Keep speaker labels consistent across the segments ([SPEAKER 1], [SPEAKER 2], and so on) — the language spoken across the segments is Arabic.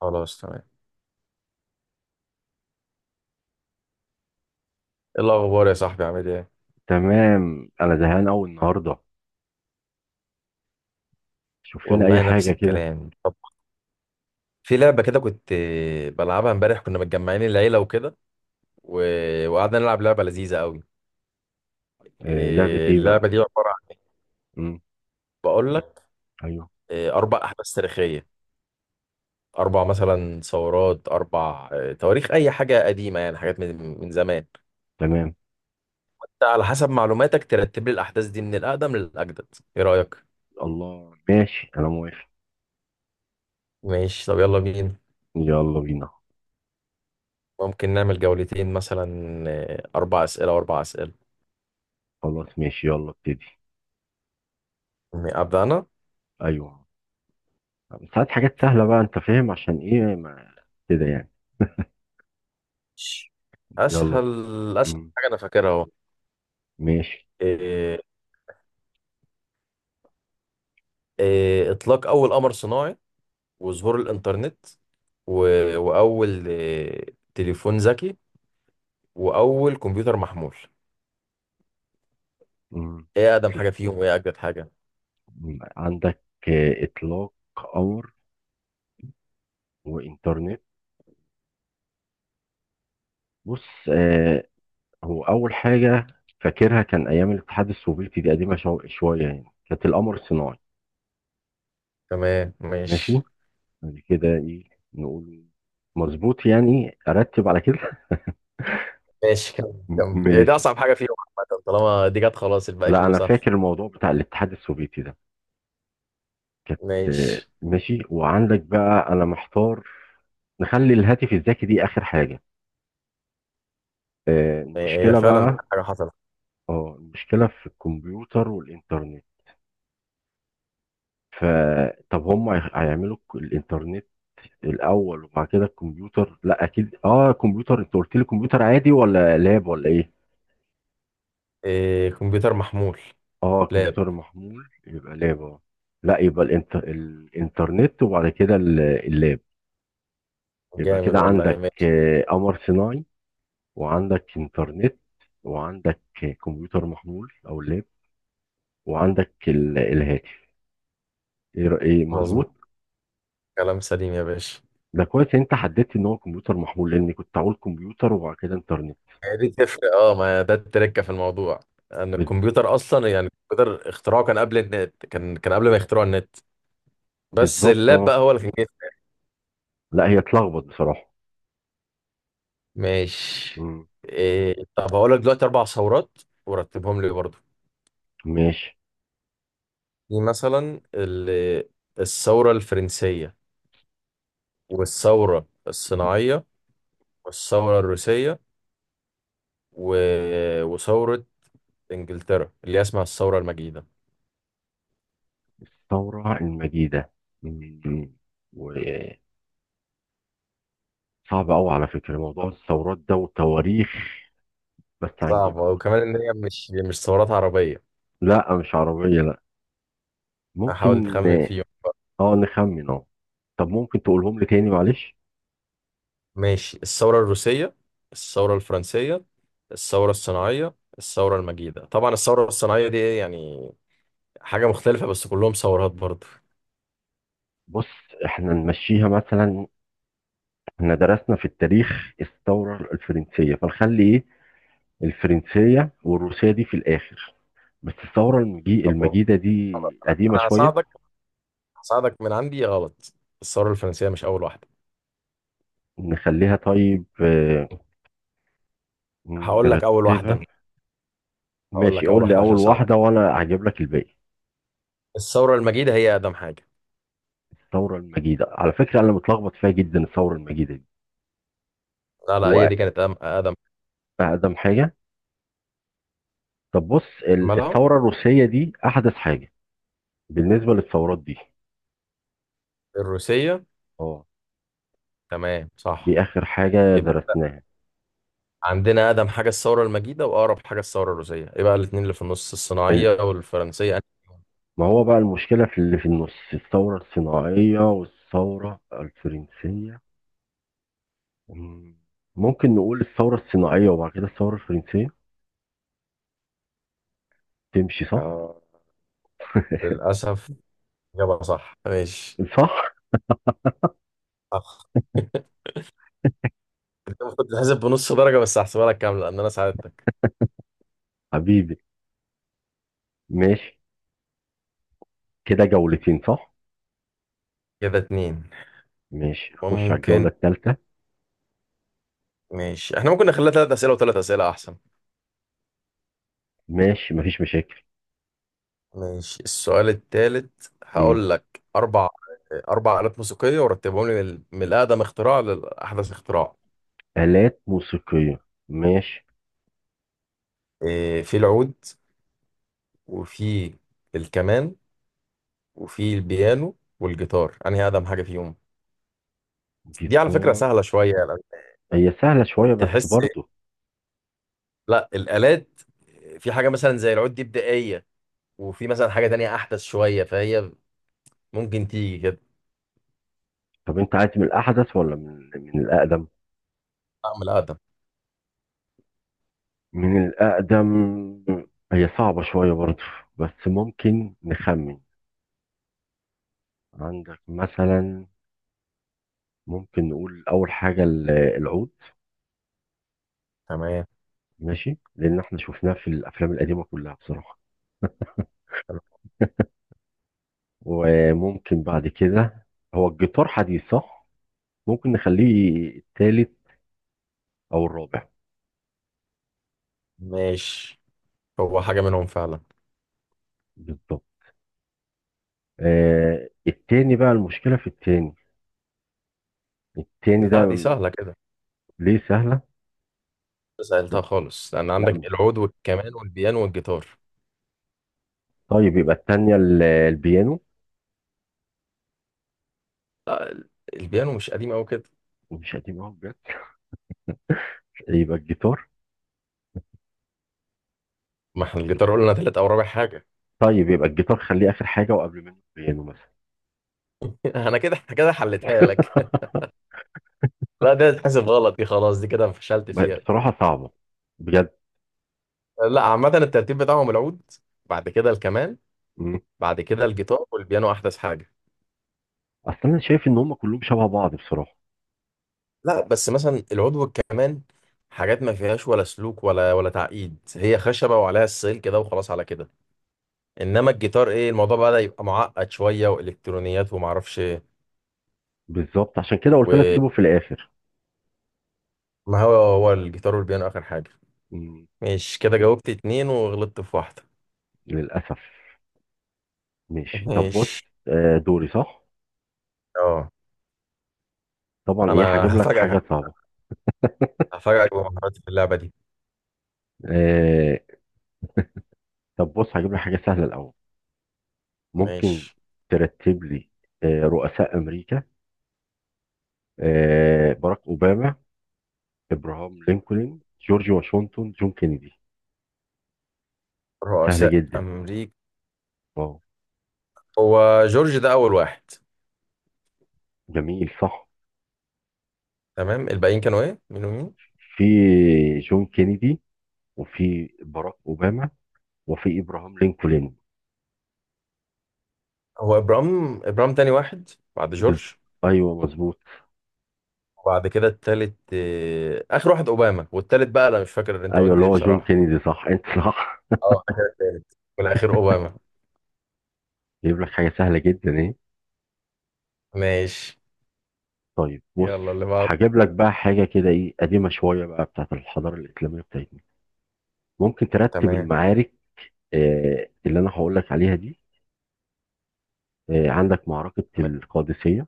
[SPEAKER 1] خلاص، تمام. ايه الاخبار يا صاحبي؟ عامل ايه؟
[SPEAKER 2] تمام، انا زهقان قوي النهارده. شوف لنا اي
[SPEAKER 1] والله نفس
[SPEAKER 2] حاجه كده.
[SPEAKER 1] الكلام. طب في لعبة كده كنت بلعبها امبارح، كنا متجمعين العيلة وكده و... وقعدنا نلعب لعبة لذيذة قوي.
[SPEAKER 2] آه، لعبه ايه بقى؟
[SPEAKER 1] اللعبة دي عبارة عن،
[SPEAKER 2] امم.
[SPEAKER 1] بقول لك،
[SPEAKER 2] ايوه.
[SPEAKER 1] 4 أحداث تاريخية، 4 مثلا ثورات، أربع تواريخ، أي حاجة قديمة، يعني حاجات من زمان.
[SPEAKER 2] تمام.
[SPEAKER 1] أنت على حسب معلوماتك ترتب لي الأحداث دي من الأقدم للأجدد. إيه رأيك؟
[SPEAKER 2] الله، ماشي، انا موافق.
[SPEAKER 1] ماشي، طب يلا بينا.
[SPEAKER 2] يلا بينا.
[SPEAKER 1] ممكن نعمل جولتين مثلا، 4 أسئلة و4 أسئلة.
[SPEAKER 2] خلاص ماشي، يلا ابتدي.
[SPEAKER 1] أبدأ أنا.
[SPEAKER 2] ايوه. ساعات حاجات سهله بقى، انت فاهم عشان ايه؟ ما كده يعني. يلا.
[SPEAKER 1] اسهل
[SPEAKER 2] امم.
[SPEAKER 1] حاجه انا فاكرها اهو.
[SPEAKER 2] ماشي.
[SPEAKER 1] إيه إيه اطلاق اول قمر صناعي، وظهور الانترنت، و... واول تليفون ذكي، واول كمبيوتر محمول.
[SPEAKER 2] امم
[SPEAKER 1] ايه اقدم حاجه فيهم وايه اجدد حاجه؟
[SPEAKER 2] عندك اطلاق قمر وانترنت. بص. هو اول حاجه فاكرها كان ايام الاتحاد السوفيتي، دي قديمه شويه يعني، كانت القمر الصناعي.
[SPEAKER 1] تمام
[SPEAKER 2] ماشي.
[SPEAKER 1] ماشي.
[SPEAKER 2] بعد كده ايه نقول؟ مظبوط يعني، ارتب على كده.
[SPEAKER 1] ماشي، كمل كمل، هي دي
[SPEAKER 2] ماشي.
[SPEAKER 1] اصعب حاجه فيهم. عامه طالما دي جت، خلاص الباقي
[SPEAKER 2] لا،
[SPEAKER 1] كله
[SPEAKER 2] انا
[SPEAKER 1] سهل.
[SPEAKER 2] فاكر الموضوع بتاع الاتحاد السوفيتي ده. كانت. آه،
[SPEAKER 1] ماشي.
[SPEAKER 2] ماشي. وعندك بقى، انا محتار. نخلي الهاتف الذكي دي اخر حاجه. آه،
[SPEAKER 1] هي
[SPEAKER 2] المشكله
[SPEAKER 1] فعلا أحلى
[SPEAKER 2] بقى.
[SPEAKER 1] حاجه حصلت.
[SPEAKER 2] اه، المشكله في الكمبيوتر والانترنت. فطب هم هيعملوا الانترنت الاول، وبعد كده الكمبيوتر. لا، اكيد. اه، كمبيوتر. انت قلت لي كمبيوتر عادي ولا لاب ولا ايه؟
[SPEAKER 1] إيه، كمبيوتر محمول.
[SPEAKER 2] اه،
[SPEAKER 1] لاب.
[SPEAKER 2] كمبيوتر محمول، يبقى لاب. اه. لا، يبقى الانترنت وبعد كده اللاب. يبقى
[SPEAKER 1] جامد
[SPEAKER 2] كده
[SPEAKER 1] والله،
[SPEAKER 2] عندك
[SPEAKER 1] ماشي.
[SPEAKER 2] قمر صناعي، وعندك انترنت، وعندك كمبيوتر محمول او لاب، وعندك الهاتف. ايه إيه،
[SPEAKER 1] مظبوط.
[SPEAKER 2] مظبوط.
[SPEAKER 1] كلام سليم يا باشا.
[SPEAKER 2] ده كويس إن انت حددت ان هو كمبيوتر محمول، لان كنت هقول كمبيوتر وبعد كده انترنت.
[SPEAKER 1] هي دي تفرق، اه، ما ده التركه في الموضوع، ان
[SPEAKER 2] بال-
[SPEAKER 1] الكمبيوتر اصلا، يعني الكمبيوتر اختراعه كان قبل النت، كان قبل ما يخترعوا النت. بس
[SPEAKER 2] بالظبط،
[SPEAKER 1] اللاب بقى
[SPEAKER 2] اه.
[SPEAKER 1] هو اللي كان جاي.
[SPEAKER 2] لا، هي اتلخبط بصراحة.
[SPEAKER 1] ماشي.
[SPEAKER 2] مم.
[SPEAKER 1] طب هقول لك دلوقتي 4 ثورات ورتبهم لي برضه.
[SPEAKER 2] ماشي.
[SPEAKER 1] دي مثلا الثوره الفرنسيه، والثوره
[SPEAKER 2] مم.
[SPEAKER 1] الصناعيه، والثوره الروسيه، و... وثوره انجلترا اللي هي اسمها الثوره المجيده.
[SPEAKER 2] الثورة المجيدة. مم. صعب قوي على فكرة، موضوع الثورات ده وتواريخ، بس
[SPEAKER 1] صعبه،
[SPEAKER 2] هنجيبها برضه.
[SPEAKER 1] وكمان ان هي مش ثورات عربيه.
[SPEAKER 2] لا، مش عربية، لا.
[SPEAKER 1] هحاول
[SPEAKER 2] ممكن.
[SPEAKER 1] تخمن فيهم.
[SPEAKER 2] اه، نخمن، اه. طب ممكن تقولهم لي تاني؟ معلش.
[SPEAKER 1] ماشي، الثورة الروسية، الثورة الفرنسية، الثورة الصناعية، الثورة المجيدة. طبعا الثورة الصناعية دي إيه يعني، حاجة مختلفة، بس كلهم ثورات برضه.
[SPEAKER 2] بص، احنا نمشيها مثلا. احنا درسنا في التاريخ الثورة الفرنسية، فنخلي ايه، الفرنسية والروسية دي في الآخر. بس الثورة
[SPEAKER 1] طب هو-
[SPEAKER 2] المجيدة دي قديمة
[SPEAKER 1] أنا
[SPEAKER 2] شوية.
[SPEAKER 1] هساعدك، هساعدك من عندي. غلط، الثورة الفرنسية مش أول واحدة.
[SPEAKER 2] نخليها طيب، آه.
[SPEAKER 1] هقول لك أول
[SPEAKER 2] نرتبها.
[SPEAKER 1] واحدة أنا، هقول
[SPEAKER 2] ماشي،
[SPEAKER 1] لك أول
[SPEAKER 2] قول لي
[SPEAKER 1] واحدة عشان
[SPEAKER 2] أول
[SPEAKER 1] أساعدك.
[SPEAKER 2] واحدة وأنا هجيب لك الباقي.
[SPEAKER 1] الثورة المجيدة هي أقدم حاجة.
[SPEAKER 2] الثوره المجيده، على فكره انا متلخبط فيها جدا الثوره المجيده دي.
[SPEAKER 1] لا هي
[SPEAKER 2] هو
[SPEAKER 1] دي كانت أقدم.
[SPEAKER 2] اقدم حاجه. طب بص،
[SPEAKER 1] مالها؟
[SPEAKER 2] الثوره الروسيه دي احدث حاجه بالنسبه للثورات دي.
[SPEAKER 1] الروسية،
[SPEAKER 2] اه.
[SPEAKER 1] تمام صح.
[SPEAKER 2] دي اخر حاجه
[SPEAKER 1] يبقى
[SPEAKER 2] درسناها.
[SPEAKER 1] عندنا أقدم حاجة الثورة المجيدة، وأقرب حاجة الثورة الروسية، يبقى الاتنين اللي في النص
[SPEAKER 2] ال-
[SPEAKER 1] الصناعية والفرنسية.
[SPEAKER 2] ما هو بقى، المشكله في اللي في النص، الثوره الصناعيه والثوره الفرنسيه. مم. ممكن نقول الثوره الصناعيه وبعد كده الثوره الفرنسيه. تمشي صح؟
[SPEAKER 1] آه. للأسف. إجابة صح، ماشي.
[SPEAKER 2] صح.
[SPEAKER 1] أخ. أنت المفروض تتحسب بنص درجة، بس هحسبها لك كاملة لأن أنا ساعدتك.
[SPEAKER 2] حبيبي. ماشي. كده جولتين صح؟
[SPEAKER 1] كده 2.
[SPEAKER 2] ماشي، خش على الجوله
[SPEAKER 1] ممكن،
[SPEAKER 2] الثالثه.
[SPEAKER 1] ماشي، احنا ممكن نخليها 3 أسئلة و3 أسئلة أحسن.
[SPEAKER 2] ماشي، مفيش مشاكل.
[SPEAKER 1] ماشي. السؤال التالت
[SPEAKER 2] مم.
[SPEAKER 1] هقول لك 4، 4 آلات موسيقية ورتبهم لي من الأقدم اختراع لأحدث اختراع.
[SPEAKER 2] آلات موسيقية، ماشي.
[SPEAKER 1] في العود، وفي الكمان، وفي البيانو والجيتار. أنهي أقدم حاجة فيهم؟ دي على فكرة
[SPEAKER 2] جيتار.
[SPEAKER 1] سهلة شوية يعني،
[SPEAKER 2] هي سهلة شوية بس
[SPEAKER 1] تحس.
[SPEAKER 2] برضه.
[SPEAKER 1] لا، الآلات، في حاجة مثلا زي العود دي بدائية، وفي مثلا حاجة تانية أحدث شوية، فهي ممكن تيجي كده.
[SPEAKER 2] طب انت عايز من الأحدث ولا من الأقدم؟
[SPEAKER 1] أعمل أقدم.
[SPEAKER 2] من الأقدم. هي صعبة شوية برضه، بس ممكن نخمن. عندك مثلا، ممكن نقول أول حاجة العود.
[SPEAKER 1] تمام
[SPEAKER 2] ماشي، لأن احنا شفناه في الأفلام القديمة كلها بصراحة.
[SPEAKER 1] تمام
[SPEAKER 2] وممكن بعد كده، هو الجيتار حديث صح؟ ممكن نخليه التالت أو الرابع.
[SPEAKER 1] ماشي. هو حاجة منهم فعلا.
[SPEAKER 2] بالظبط. آه، التاني بقى المشكلة في التاني. التاني ده
[SPEAKER 1] لا، دي سهلة كده،
[SPEAKER 2] ليه سهلة؟ لا،
[SPEAKER 1] سألتها خالص، لأن
[SPEAKER 2] لا،
[SPEAKER 1] عندك
[SPEAKER 2] مش.
[SPEAKER 1] العود والكمان والبيانو والجيتار.
[SPEAKER 2] طيب يبقى التانية البيانو.
[SPEAKER 1] لا، البيانو مش قديم أوي كده.
[SPEAKER 2] ومش قديم اهو بجد. يبقى الجيتار.
[SPEAKER 1] ما احنا الجيتار قلنا تالت أو رابع حاجة.
[SPEAKER 2] طيب يبقى الجيتار خليه آخر حاجة، وقبل منه البيانو مثلا.
[SPEAKER 1] أنا كده كده حلتها لك. لا دي هتتحسب غلط، دي خلاص دي كده فشلت فيها.
[SPEAKER 2] بصراحة صعبة، بجد.
[SPEAKER 1] لا عامة الترتيب بتاعهم العود، بعد كده الكمان،
[SPEAKER 2] مم.
[SPEAKER 1] بعد كده الجيتار والبيانو أحدث حاجة.
[SPEAKER 2] أصل أنا شايف إن هم كلهم شبه بعض بصراحة.
[SPEAKER 1] لا بس مثلا العضو كمان، حاجات ما فيهاش ولا سلوك ولا تعقيد، هي خشبة وعليها السلك كده وخلاص على كده. انما الجيتار، ايه، الموضوع بدأ يبقى معقد شوية، والكترونيات وما اعرفش ايه.
[SPEAKER 2] بالظبط، عشان كده قلت لك
[SPEAKER 1] وما
[SPEAKER 2] سيبه في الآخر.
[SPEAKER 1] هو الجيتار والبيانو اخر حاجة.
[SPEAKER 2] مم.
[SPEAKER 1] مش كده؟ جاوبت 2 وغلطت في واحدة.
[SPEAKER 2] للأسف. ماشي، طب بص.
[SPEAKER 1] مش،
[SPEAKER 2] آه، دوري صح؟
[SPEAKER 1] اه
[SPEAKER 2] طبعا، إيه،
[SPEAKER 1] انا
[SPEAKER 2] هجيب لك
[SPEAKER 1] هفاجئك،
[SPEAKER 2] حاجة صعبة.
[SPEAKER 1] هفاجئك بمهاراتي في اللعبة دي.
[SPEAKER 2] آه. طب بص، هجيب لك حاجة سهلة الأول. ممكن
[SPEAKER 1] ماشي.
[SPEAKER 2] ترتب لي رؤساء امريكا. آه، باراك اوباما، ابراهام لينكولن، جورج واشنطن، جون كينيدي. سهله
[SPEAKER 1] رؤساء
[SPEAKER 2] جدا،
[SPEAKER 1] امريكا.
[SPEAKER 2] اه.
[SPEAKER 1] هو جورج ده اول واحد.
[SPEAKER 2] جميل، صح.
[SPEAKER 1] تمام، الباقيين كانوا ايه، مين ومين؟
[SPEAKER 2] في جون كينيدي، وفي باراك اوباما، وفي ابراهام لينكولن.
[SPEAKER 1] هو ابرام تاني واحد بعد
[SPEAKER 2] بز...
[SPEAKER 1] جورج.
[SPEAKER 2] ايوه، مظبوط.
[SPEAKER 1] وبعد كده التالت، آه، اخر واحد اوباما، والتالت بقى انا مش فاكر اللي انت
[SPEAKER 2] ايوه،
[SPEAKER 1] قلت
[SPEAKER 2] اللي
[SPEAKER 1] ايه
[SPEAKER 2] هو جون
[SPEAKER 1] بصراحه.
[SPEAKER 2] كينيدي صح. انت صح.
[SPEAKER 1] اه، ده كده التالت والاخير اوباما.
[SPEAKER 2] جايب لك حاجه سهله جدا، ايه.
[SPEAKER 1] ماشي.
[SPEAKER 2] طيب بص.
[SPEAKER 1] يلا اللي بعده.
[SPEAKER 2] هجيب لك بقى حاجه كده، ايه، قديمه شويه بقى، بتاعت الحضاره الاسلاميه بتاعتنا. ممكن ترتب
[SPEAKER 1] تمام.
[SPEAKER 2] المعارك. آه، اللي انا هقول لك عليها دي. آه، عندك معركه القادسيه،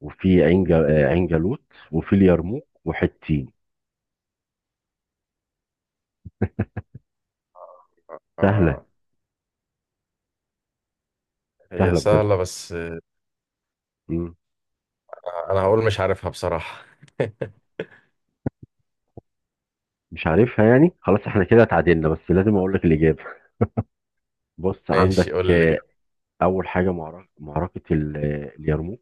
[SPEAKER 2] وفي عين جا- آه، عين جالوت، وفي اليرموك وحطين. سهله.
[SPEAKER 1] آه، هي
[SPEAKER 2] سهله بجد.
[SPEAKER 1] سهله، بس آه،
[SPEAKER 2] مم.
[SPEAKER 1] انا هقول مش عارفها بصراحه.
[SPEAKER 2] مش عارفها يعني. خلاص، احنا كده اتعادلنا، بس لازم اقول لك الاجابه. بص،
[SPEAKER 1] ماشي، قول
[SPEAKER 2] عندك،
[SPEAKER 1] اللي جاي.
[SPEAKER 2] آه. اول حاجه معركه اليرموك.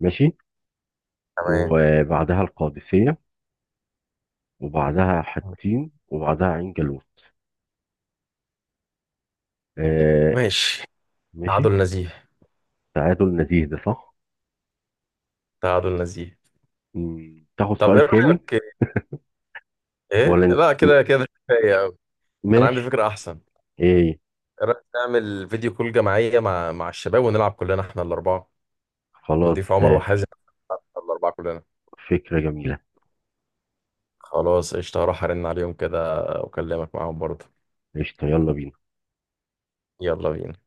[SPEAKER 2] ماشي.
[SPEAKER 1] تمام.
[SPEAKER 2] وبعدها القادسيه، وبعدها حطين، وبعدها عين جالوت. آه.
[SPEAKER 1] ماشي.
[SPEAKER 2] ماشي.
[SPEAKER 1] تعادل نزيه.
[SPEAKER 2] تعادل نزيه، ده صح.
[SPEAKER 1] تعادل نزيه.
[SPEAKER 2] مم. تاخد
[SPEAKER 1] طب
[SPEAKER 2] سؤال
[SPEAKER 1] ايه
[SPEAKER 2] تاني؟
[SPEAKER 1] رايك؟ ايه،
[SPEAKER 2] ولا
[SPEAKER 1] لا
[SPEAKER 2] ن-
[SPEAKER 1] كده كده كفايه قوي. انا عندي
[SPEAKER 2] ماشي.
[SPEAKER 1] فكره احسن.
[SPEAKER 2] ايه،
[SPEAKER 1] ايه رايك نعمل فيديو كول جماعيه مع الشباب، ونلعب كلنا احنا الاربعه؟
[SPEAKER 2] خلاص.
[SPEAKER 1] نضيف عمر
[SPEAKER 2] آه،
[SPEAKER 1] وحازم، احنا الاربعه كلنا.
[SPEAKER 2] فكرة جميلة.
[SPEAKER 1] خلاص قشطة، هروح ارن عليهم كده واكلمك معاهم برضه.
[SPEAKER 2] قشطة، يلا بينا.
[SPEAKER 1] يلا بينا.